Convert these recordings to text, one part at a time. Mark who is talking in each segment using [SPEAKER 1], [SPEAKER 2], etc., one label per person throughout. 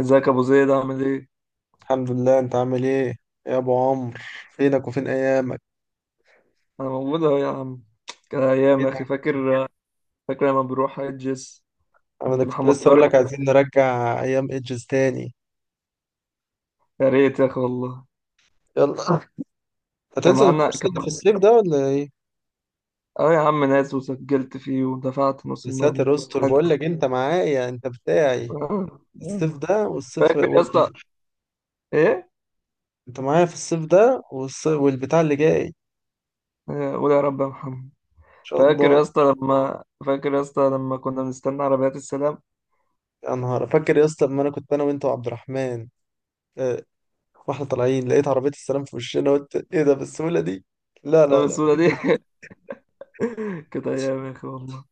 [SPEAKER 1] ازيك يا ابو زيد عامل ايه؟
[SPEAKER 2] الحمد لله. انت عامل ايه يا ابو عمرو؟ فينك وفين ايامك؟
[SPEAKER 1] انا موجود اهو يا عم. كان ايام يا
[SPEAKER 2] فينك؟
[SPEAKER 1] اخي فاكر. فاكر لما بنروح حجز
[SPEAKER 2] انا
[SPEAKER 1] عند
[SPEAKER 2] كنت
[SPEAKER 1] محمد
[SPEAKER 2] لسه اقول
[SPEAKER 1] طارق.
[SPEAKER 2] لك عايزين نرجع ايام ايدجز تاني.
[SPEAKER 1] يا ريت يا اخي والله.
[SPEAKER 2] يلا،
[SPEAKER 1] كان
[SPEAKER 2] هتنزل
[SPEAKER 1] معانا
[SPEAKER 2] الكورس
[SPEAKER 1] كان
[SPEAKER 2] اللي في
[SPEAKER 1] معانا-
[SPEAKER 2] الصيف ده ولا ايه؟
[SPEAKER 1] اه يا عم ناس وسجلت فيه ودفعت نص
[SPEAKER 2] يا
[SPEAKER 1] المبلغ
[SPEAKER 2] ساتر استر، بقول لك انت معايا، انت بتاعي
[SPEAKER 1] آه،
[SPEAKER 2] الصيف
[SPEAKER 1] آه.
[SPEAKER 2] ده والصيف
[SPEAKER 1] فاكر يا اسطى. ايه؟
[SPEAKER 2] انت معايا في الصيف ده والبتاع اللي جاي ان
[SPEAKER 1] آه، قول يا رب يا محمد.
[SPEAKER 2] شاء
[SPEAKER 1] فاكر
[SPEAKER 2] الله.
[SPEAKER 1] يا اسطى لما فاكر يا اسطى لما كنا بنستنى عربيات السلام
[SPEAKER 2] يا نهار، فاكر يا اسطى لما انا كنت انا وانت وعبد الرحمن، اه، واحنا طالعين لقيت عربية السلام في وشنا، قلت ايه ده بالسهولة دي؟ لا لا لا.
[SPEAKER 1] السودة دي. كانت ايام يا اخي والله.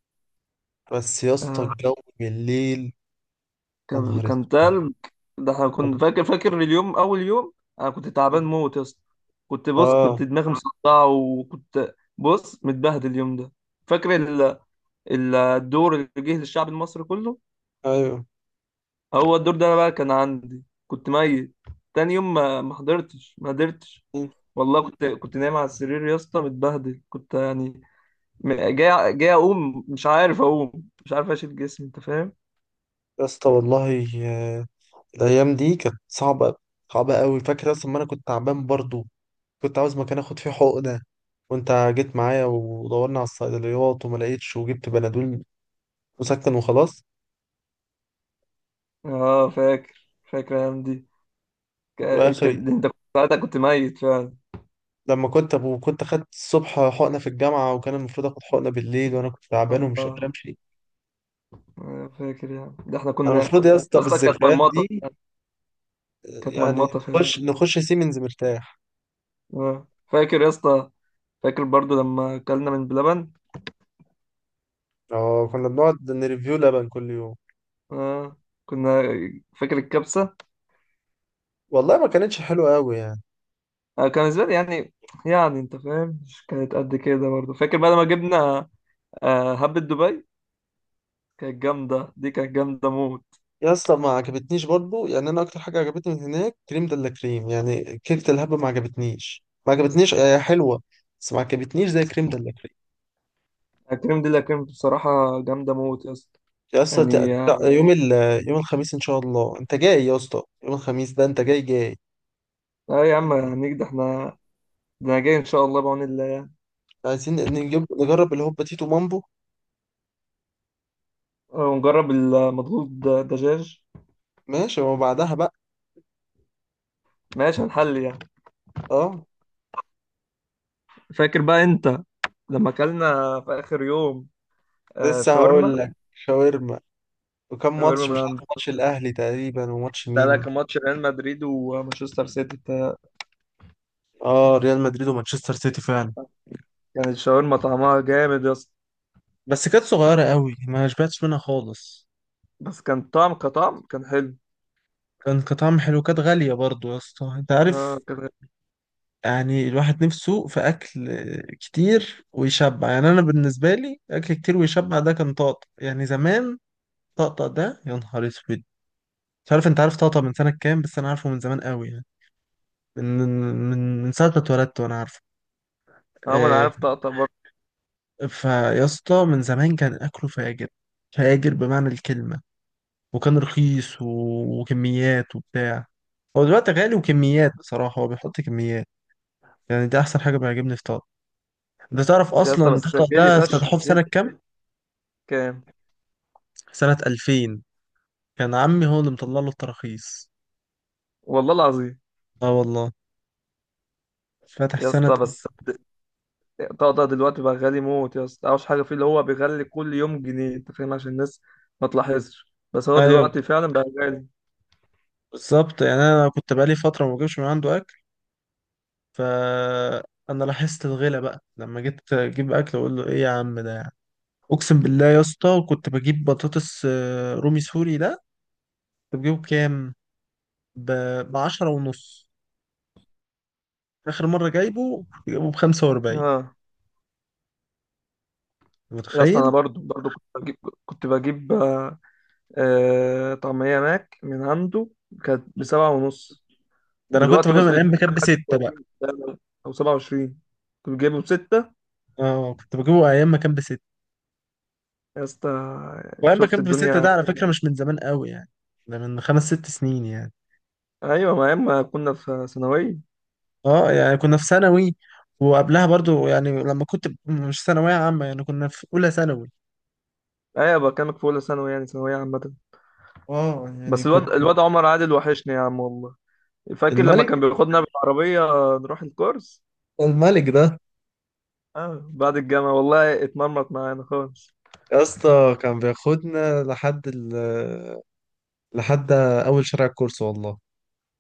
[SPEAKER 2] بس يا اسطى
[SPEAKER 1] آه.
[SPEAKER 2] الجو بالليل، يا
[SPEAKER 1] كان
[SPEAKER 2] نهار
[SPEAKER 1] كان تلج. ده احنا كنت
[SPEAKER 2] اسود.
[SPEAKER 1] فاكر اليوم اول يوم. انا كنت تعبان موت يا اسطى. كنت بص كنت
[SPEAKER 2] اه،
[SPEAKER 1] دماغي مصدعه وكنت بص متبهدل اليوم ده. فاكر ال... الدور اللي جه للشعب المصري كله.
[SPEAKER 2] ايوه
[SPEAKER 1] هو الدور ده بقى كان عندي كنت ميت. تاني يوم ما حضرتش ما قدرتش. والله كنت نايم على السرير يا اسطى متبهدل كنت يعني. جاي اقوم مش عارف اقوم. مش عارف اشيل جسمي انت فاهم.
[SPEAKER 2] يا اسطى والله. الايام دي كانت صعبه، صعبه قوي. فاكر اصلا، ما انا كنت تعبان برضو، كنت عاوز مكان اخد فيه حقنه، وانت جيت معايا ودورنا على الصيدليات وما لقيتش، وجبت بنادول مسكن وخلاص.
[SPEAKER 1] اه فاكر الايام دي. ك...
[SPEAKER 2] واخر
[SPEAKER 1] ده انت كنت ساعتها كنت ميت فعلا.
[SPEAKER 2] لما كنت كنت خدت الصبح حقنه في الجامعه، وكان المفروض اخد حقنه بالليل، وانا كنت تعبان ومش
[SPEAKER 1] اه.
[SPEAKER 2] قادر امشي.
[SPEAKER 1] أنا فاكر يعني ده احنا
[SPEAKER 2] انا
[SPEAKER 1] كنا
[SPEAKER 2] المفروض يا اسطى
[SPEAKER 1] يا اسطى كانت
[SPEAKER 2] بالذكريات
[SPEAKER 1] مرمطة.
[SPEAKER 2] دي
[SPEAKER 1] كانت
[SPEAKER 2] يعني
[SPEAKER 1] مرمطة فعلا.
[SPEAKER 2] نخش نخش سيمنز مرتاح.
[SPEAKER 1] اه فاكر يا اسطى. فاكر برضو لما اكلنا من بلبن.
[SPEAKER 2] اه، كنا بنقعد نريفيو لبن كل يوم.
[SPEAKER 1] اه كنا. فاكر الكبسة.
[SPEAKER 2] والله ما كانتش حلوه قوي يعني.
[SPEAKER 1] آه، كان بالنسبة لي يعني. يعني انت فاهم مش كانت قد كده برضو فاكر بعد ما جبنا هبة دبي. كانت جامدة دي كانت جامدة موت.
[SPEAKER 2] يا اسطى ما عجبتنيش برضو يعني، انا اكتر حاجه عجبتني من هناك كريم دلا كريم، يعني كيكه الهبه ما عجبتنيش، ما عجبتنيش، هي حلوه بس ما عجبتنيش زي كريم دلا كريم.
[SPEAKER 1] الكريم دي اللي كانت بصراحة جامدة موت يا اسطى.
[SPEAKER 2] يا اسطى،
[SPEAKER 1] يعني اه.
[SPEAKER 2] يوم يوم الخميس ان شاء الله انت جاي، يا اسطى يوم الخميس ده انت جاي جاي.
[SPEAKER 1] آه، يا عم هنيجي ده احنا. ده انا جاي ان شاء الله بعون الله.
[SPEAKER 2] عايزين نجيب نجرب الهوبا تيتو مامبو.
[SPEAKER 1] ونجرب المضغوط دجاج.
[SPEAKER 2] ماشي، وبعدها بقى
[SPEAKER 1] ماشي هنحل يعني.
[SPEAKER 2] اه.
[SPEAKER 1] فاكر بقى انت لما اكلنا في اخر يوم
[SPEAKER 2] لسه هقول
[SPEAKER 1] شاورما.
[SPEAKER 2] لك شاورما، وكم
[SPEAKER 1] شاورما
[SPEAKER 2] ماتش،
[SPEAKER 1] من
[SPEAKER 2] مش عارف
[SPEAKER 1] عند.
[SPEAKER 2] ماتش الاهلي تقريبا وماتش
[SPEAKER 1] بقى
[SPEAKER 2] مين.
[SPEAKER 1] لك ماتش ريال مدريد ومانشستر سيتي
[SPEAKER 2] اه، ريال مدريد ومانشستر سيتي فعلا.
[SPEAKER 1] كانت الشاورما طعمها جامد يا اسطى.
[SPEAKER 2] بس كانت صغيرة قوي، ما شبعتش منها خالص.
[SPEAKER 1] بس كان كطعم كان حلو.
[SPEAKER 2] كان طعم حلو، كانت غالية برضو يا اسطى انت
[SPEAKER 1] اه
[SPEAKER 2] عارف.
[SPEAKER 1] كان.
[SPEAKER 2] يعني الواحد نفسه في اكل كتير ويشبع، يعني انا بالنسبة لي اكل كتير ويشبع، ده كان طقطق يعني زمان. طقطق ده، يا نهار اسود. مش عارف انت عارف طقطق من سنة كام، بس انا عارفه من زمان قوي يعني. من من ساعة ما اتولدت وانا عارفه.
[SPEAKER 1] اه ما انا
[SPEAKER 2] آه،
[SPEAKER 1] عارف طقطق برضه.
[SPEAKER 2] فيا اسطى من زمان كان اكله فاجر، فاجر بمعنى الكلمة، وكان رخيص وكميات وبتاع. هو دلوقتي غالي وكميات، بصراحة هو بيحط كميات. يعني ده أحسن حاجة بيعجبني في طارق. أنت تعرف
[SPEAKER 1] يا اسطى
[SPEAKER 2] أصلا
[SPEAKER 1] بس
[SPEAKER 2] طارق
[SPEAKER 1] غالي
[SPEAKER 2] ده
[SPEAKER 1] فشخ
[SPEAKER 2] افتتحوه في سنة
[SPEAKER 1] غالي.
[SPEAKER 2] كام؟
[SPEAKER 1] كام؟
[SPEAKER 2] سنة 2000. كان عمي هو اللي مطلع له التراخيص.
[SPEAKER 1] والله العظيم.
[SPEAKER 2] اه والله، فاتح
[SPEAKER 1] يا
[SPEAKER 2] سنة.
[SPEAKER 1] اسطى بس طقطق دلوقتي بقى غالي موت يا اسطى اوحش حاجه فيه اللي هو بيغلي كل يوم جنيه انت فاهم عشان الناس ما تلاحظش بس هو
[SPEAKER 2] أيوة،
[SPEAKER 1] دلوقتي فعلا بقى غالي.
[SPEAKER 2] بالظبط يعني. أنا كنت بقالي فترة ما بجيبش من عنده أكل، فأنا لاحظت الغلا بقى لما جيت أجيب أكل أقول له إيه يا عم ده يعني. أقسم بالله يا اسطى، كنت بجيب بطاطس رومي سوري ده كنت بجيبه بكام؟ ب... بعشرة ونص. آخر مرة جايبه بخمسة وأربعين.
[SPEAKER 1] اه. يا اصل انا
[SPEAKER 2] متخيل؟
[SPEAKER 1] برضو كنت بجيب. كنت بجيب. طعمية ماك من عنده. كانت بسبعة ونص.
[SPEAKER 2] ده أنا كنت
[SPEAKER 1] دلوقتي
[SPEAKER 2] بجيبه من أيام
[SPEAKER 1] وصلت
[SPEAKER 2] ما كان بستة بقى.
[SPEAKER 1] 30 او 27. كنت جايبه بستة
[SPEAKER 2] اه، كنت بجيبه أيام ما كان بستة.
[SPEAKER 1] يا اسطى.
[SPEAKER 2] وأيام ما
[SPEAKER 1] شفت
[SPEAKER 2] كان بستة
[SPEAKER 1] الدنيا.
[SPEAKER 2] ده على فكرة مش من زمان قوي يعني، ده من خمس ست سنين يعني.
[SPEAKER 1] ايوه ما اما كنا في ثانوية.
[SPEAKER 2] اه يعني كنا في ثانوي. وقبلها برضو يعني، لما كنت مش ثانوية عامة، يعني كنا في أولى ثانوي.
[SPEAKER 1] ايوه بكلمك في اولى ثانوي يعني ثانوية عامة.
[SPEAKER 2] اه يعني
[SPEAKER 1] بس الواد
[SPEAKER 2] كنت
[SPEAKER 1] الواد عمر عادل وحشني يا عم والله. فاكر لما كان
[SPEAKER 2] الملك.
[SPEAKER 1] بياخدنا بالعربية نروح الكورس.
[SPEAKER 2] الملك ده
[SPEAKER 1] اه بعد الجامعة والله اتمرمط معانا خالص.
[SPEAKER 2] يا اسطى كان بياخدنا لحد لحد أول شارع الكورس والله.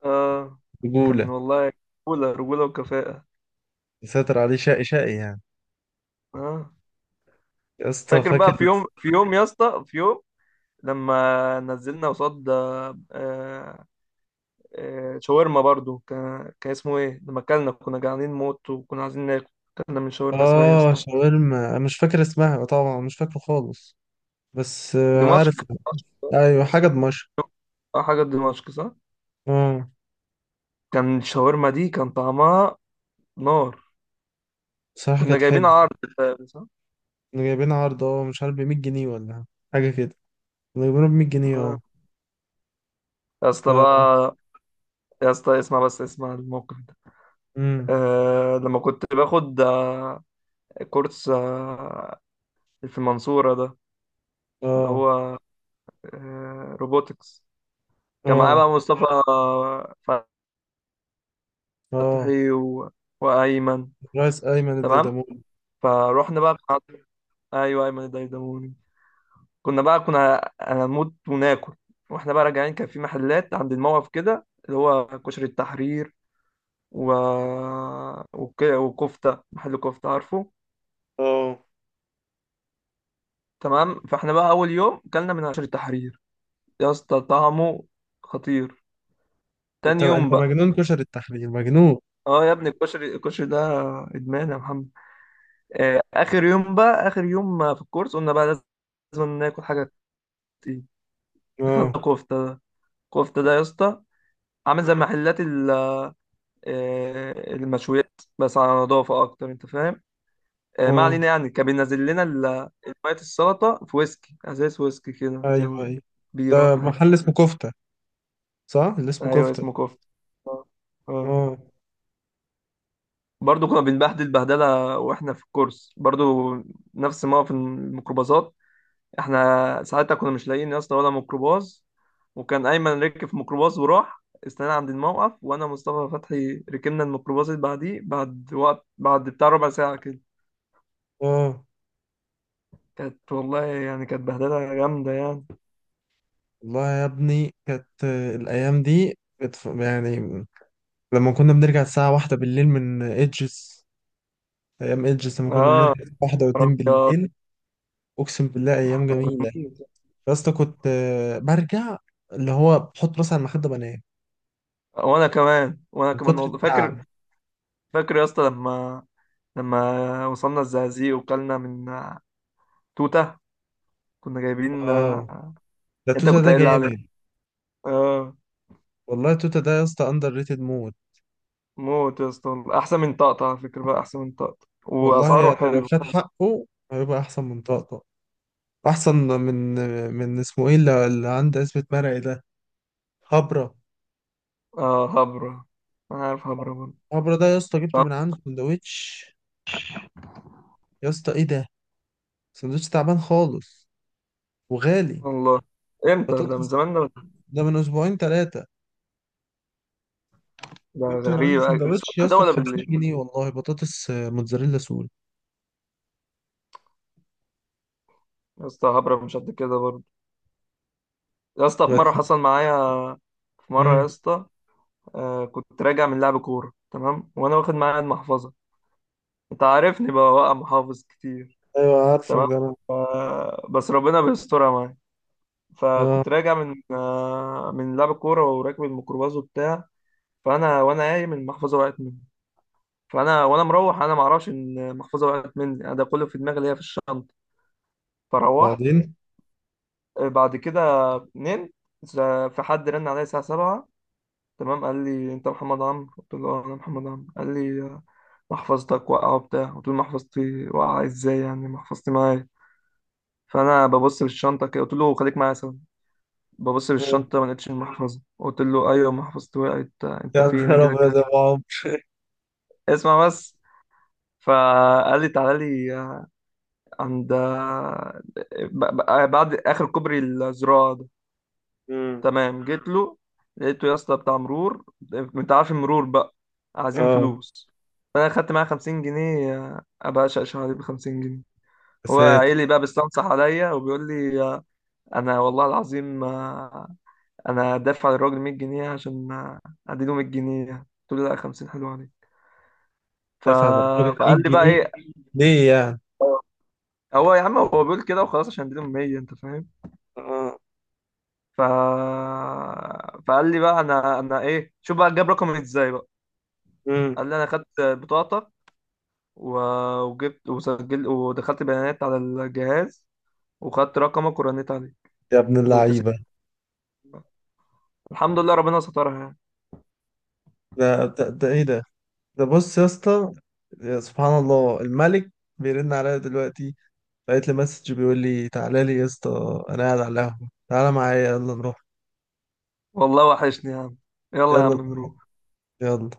[SPEAKER 1] اه كان
[SPEAKER 2] رجولة.
[SPEAKER 1] والله. رجولة رجولة وكفاءة.
[SPEAKER 2] يسيطر عليه، شقي شقي يعني.
[SPEAKER 1] اه
[SPEAKER 2] يا اسطى
[SPEAKER 1] فاكر
[SPEAKER 2] فاكر.
[SPEAKER 1] بقى في يوم في يوم يا اسطى في يوم لما نزلنا قصاد. آه، شاورما برضو كان اسمه ايه لما اكلنا كنا جعانين موت وكنا عايزين ناكل. اكلنا من شاورما اسمها ايه يا
[SPEAKER 2] اه،
[SPEAKER 1] اسطى؟
[SPEAKER 2] شاورما. أنا مش فاكر اسمها طبعا، مش فاكره خالص، بس
[SPEAKER 1] دمشق.
[SPEAKER 2] عارف.
[SPEAKER 1] دمشق.
[SPEAKER 2] ايوه، حاجه دمشق.
[SPEAKER 1] اه حاجة دمشق صح.
[SPEAKER 2] اه،
[SPEAKER 1] كان الشاورما دي كان طعمها نار.
[SPEAKER 2] بصراحه
[SPEAKER 1] كنا
[SPEAKER 2] كانت
[SPEAKER 1] جايبين
[SPEAKER 2] حلوه.
[SPEAKER 1] عرض. فاهم صح.
[SPEAKER 2] كانوا جايبين عرض، اه مش عارف ب 100 جنيه ولا حاجه كده. كانوا جايبينه ب 100 جنيه،
[SPEAKER 1] آه.
[SPEAKER 2] اه.
[SPEAKER 1] يا
[SPEAKER 2] ف
[SPEAKER 1] اسطى بقى. يا اسطى اسمع بس اسمع الموقف ده.
[SPEAKER 2] امم
[SPEAKER 1] لما كنت باخد كورس في المنصورة ده. اللي
[SPEAKER 2] اه،
[SPEAKER 1] هو روبوتكس. كان معاه
[SPEAKER 2] اه
[SPEAKER 1] بقى مصطفى
[SPEAKER 2] اه.
[SPEAKER 1] فتحي و... وأيمن.
[SPEAKER 2] رايس ايمن
[SPEAKER 1] تمام.
[SPEAKER 2] الديدامون.
[SPEAKER 1] فروحنا بقى أيوه أيمن الديدموني. كنا بقى هنموت وناكل. واحنا بقى راجعين كان في محلات عند الموقف كده اللي هو كشري التحرير و... وك... وكفتة محل كفتة عارفه.
[SPEAKER 2] اه.
[SPEAKER 1] تمام فاحنا بقى أول يوم كلنا من كشري التحرير. يا اسطى طعمه خطير.
[SPEAKER 2] انت
[SPEAKER 1] تاني يوم
[SPEAKER 2] انت
[SPEAKER 1] بقى.
[SPEAKER 2] مجنون، كشري التحرير مجنون.
[SPEAKER 1] اه يا ابني الكشري ده ادمان يا محمد. اخر يوم بقى اخر يوم في الكورس قلنا بقى لازم ناكل حاجه تقيله. دخلنا
[SPEAKER 2] اه.
[SPEAKER 1] كفته. كفته ده يا اسطى عامل زي محلات المشويات بس على نظافه اكتر انت فاهم. ما
[SPEAKER 2] اه.
[SPEAKER 1] علينا يعني كان بينزل لنا ميه السلطه في ويسكي ازاز ويسكي كده زي
[SPEAKER 2] ايوه ايوه،
[SPEAKER 1] بيره ولا
[SPEAKER 2] ده
[SPEAKER 1] حاجه.
[SPEAKER 2] محل اسمه كفته، صح اللي اسمه
[SPEAKER 1] ايوه
[SPEAKER 2] كفته.
[SPEAKER 1] اسمه كفته. اه. آه.
[SPEAKER 2] اه.
[SPEAKER 1] برضه كنا بنبهدل بهدله واحنا في الكورس برضه. نفس موقف الميكروباصات. احنا ساعتها كنا مش لاقيين يا اسطى ولا ميكروباص. وكان ايمن ركب في ميكروباص وراح استنى عند الموقف وانا ومصطفى فتحي ركبنا الميكروباص اللي بعديه بعد وقت بتاع ربع ساعه كده.
[SPEAKER 2] اه
[SPEAKER 1] كانت والله يعني كانت بهدله جامده يعني.
[SPEAKER 2] والله يا ابني، كانت الأيام دي يعني، لما كنا بنرجع الساعة واحدة بالليل من إيدجز. أيام إيدجز لما كنا
[SPEAKER 1] اه
[SPEAKER 2] بنرجع الساعة واحدة
[SPEAKER 1] يا رب
[SPEAKER 2] واتنين
[SPEAKER 1] يا رب.
[SPEAKER 2] بالليل. أقسم بالله أيام جميلة. يا اسطى، كنت برجع اللي هو بحط راسي على المخدة بنام
[SPEAKER 1] وانا كمان وانا
[SPEAKER 2] من
[SPEAKER 1] كمان
[SPEAKER 2] كتر
[SPEAKER 1] والله فاكر.
[SPEAKER 2] التعب.
[SPEAKER 1] فاكر يا اسطى لما وصلنا الزقازيق وكلنا من توته. كنا جايبين
[SPEAKER 2] آه،
[SPEAKER 1] آه،
[SPEAKER 2] ده
[SPEAKER 1] انت
[SPEAKER 2] توتا
[SPEAKER 1] كنت
[SPEAKER 2] ده
[SPEAKER 1] قايل لي عليه.
[SPEAKER 2] جامد.
[SPEAKER 1] اه.
[SPEAKER 2] والله توتا ده يا اسطى أندر ريتد مود.
[SPEAKER 1] موت يا اسطى احسن من طقطقة على فكرة بقى احسن من طقطقة
[SPEAKER 2] والله
[SPEAKER 1] واسعاره
[SPEAKER 2] يعني لو
[SPEAKER 1] حلو.
[SPEAKER 2] خد حقه هيبقى أحسن من طقطق. أحسن من اسمه إيه اللي اللي عنده اسمه مرعي ده، هبرة.
[SPEAKER 1] آه، هبرة. انا عارف هبرة برضه.
[SPEAKER 2] عبرة ده يا اسطى، جبته من عنده سندوتش، يا اسطى ايه ده؟ سندوتش تعبان خالص، وغالي.
[SPEAKER 1] سبحان الله. امتى ده؟ من
[SPEAKER 2] بطاطس.
[SPEAKER 1] زمان ده.
[SPEAKER 2] ده من اسبوعين ثلاثة.
[SPEAKER 1] ده
[SPEAKER 2] جبت من عنده
[SPEAKER 1] غريب.
[SPEAKER 2] سندوتش
[SPEAKER 1] الصبح
[SPEAKER 2] يا
[SPEAKER 1] ده
[SPEAKER 2] اسطى ب
[SPEAKER 1] ولا
[SPEAKER 2] 50
[SPEAKER 1] بالليل؟
[SPEAKER 2] جنيه والله، بطاطس موتزاريلا سوري.
[SPEAKER 1] يا اسطى هبرة مش قد كده برضه. يا اسطى في مرة
[SPEAKER 2] بس
[SPEAKER 1] حصل معايا. في مرة يا
[SPEAKER 2] امم
[SPEAKER 1] اسطى كنت راجع من لعب كورة تمام وانا واخد معايا المحفظة. انت عارفني بقى واقع محافظ كتير.
[SPEAKER 2] ايوه عارفك،
[SPEAKER 1] تمام
[SPEAKER 2] ده انا.
[SPEAKER 1] بس ربنا بيسترها معايا.
[SPEAKER 2] اه.
[SPEAKER 1] فكنت راجع من لعب كورة وراكب الميكروباص وبتاع. فانا وانا قايم المحفظه وقعت مني. فانا وانا مروح انا ما اعرفش ان المحفظه وقعت مني انا ده كله في دماغي اللي هي في الشنطه. فروحت
[SPEAKER 2] بعدين
[SPEAKER 1] بعد كده نمت. ز- في حد رن عليا الساعه 7. تمام قال لي انت محمد عمرو قلت له أه، انا محمد عمرو. قال لي محفظتك واقعه وبتاع قلت له محفظتي واقعه ازاي يعني محفظتي معايا. فانا ببص في الشنطه كده قلت له خليك معايا سوا. ببص في
[SPEAKER 2] مم.
[SPEAKER 1] الشنطه ما لقيتش المحفظه قلت له ايوه محفظتي وقعت انت
[SPEAKER 2] يا
[SPEAKER 1] فين اجي
[SPEAKER 2] نهار
[SPEAKER 1] لك.
[SPEAKER 2] ابيض يا أبو عمرو.
[SPEAKER 1] اسمع بس. فقال لي تعالى لي عند بعد اخر كوبري الزراعه ده.
[SPEAKER 2] مم.
[SPEAKER 1] تمام جيت له. لقيته يا اسطى بتاع مرور. انت عارف المرور بقى عايزين
[SPEAKER 2] اه.
[SPEAKER 1] فلوس. فانا خدت معاه 50 جنيه ابقى اشقشق عليه ب 50 جنيه.
[SPEAKER 2] يا
[SPEAKER 1] هو
[SPEAKER 2] ساتر،
[SPEAKER 1] قايل لي بقى بيستنصح عليا وبيقول لي انا والله العظيم انا دافع للراجل 100 جنيه عشان اديله 100 جنيه. قلت له لا 50 حلو عليه. ف...
[SPEAKER 2] دفع ده الراجل 100
[SPEAKER 1] فقال لي بقى
[SPEAKER 2] جنيه
[SPEAKER 1] ايه.
[SPEAKER 2] ليه يعني؟
[SPEAKER 1] هو يا عم هو بيقول كده وخلاص عشان اديله 100 انت فاهم.
[SPEAKER 2] اه.
[SPEAKER 1] ف... فقال لي بقى انا ايه شوف بقى جاب رقمي ازاي بقى.
[SPEAKER 2] مم.
[SPEAKER 1] قال لي انا خدت بطاقتك و... وجبت وسجلت ودخلت بيانات على الجهاز وخدت رقمك ورنيت عليه.
[SPEAKER 2] يا ابن
[SPEAKER 1] قلت له تسلم.
[SPEAKER 2] اللعيبة.
[SPEAKER 1] الحمد لله ربنا سترها يعني.
[SPEAKER 2] ده ايه ده؟ ده بص يا اسطى، يا سبحان الله، الملك بيرن عليا دلوقتي. لقيت لي مسج بيقول لي تعالى لي يا اسطى انا قاعد على القهوه، تعالى معايا يلا نروح.
[SPEAKER 1] والله وحشني يا عم. يلا يا عم
[SPEAKER 2] يلا تعالى.
[SPEAKER 1] نروح.
[SPEAKER 2] يلا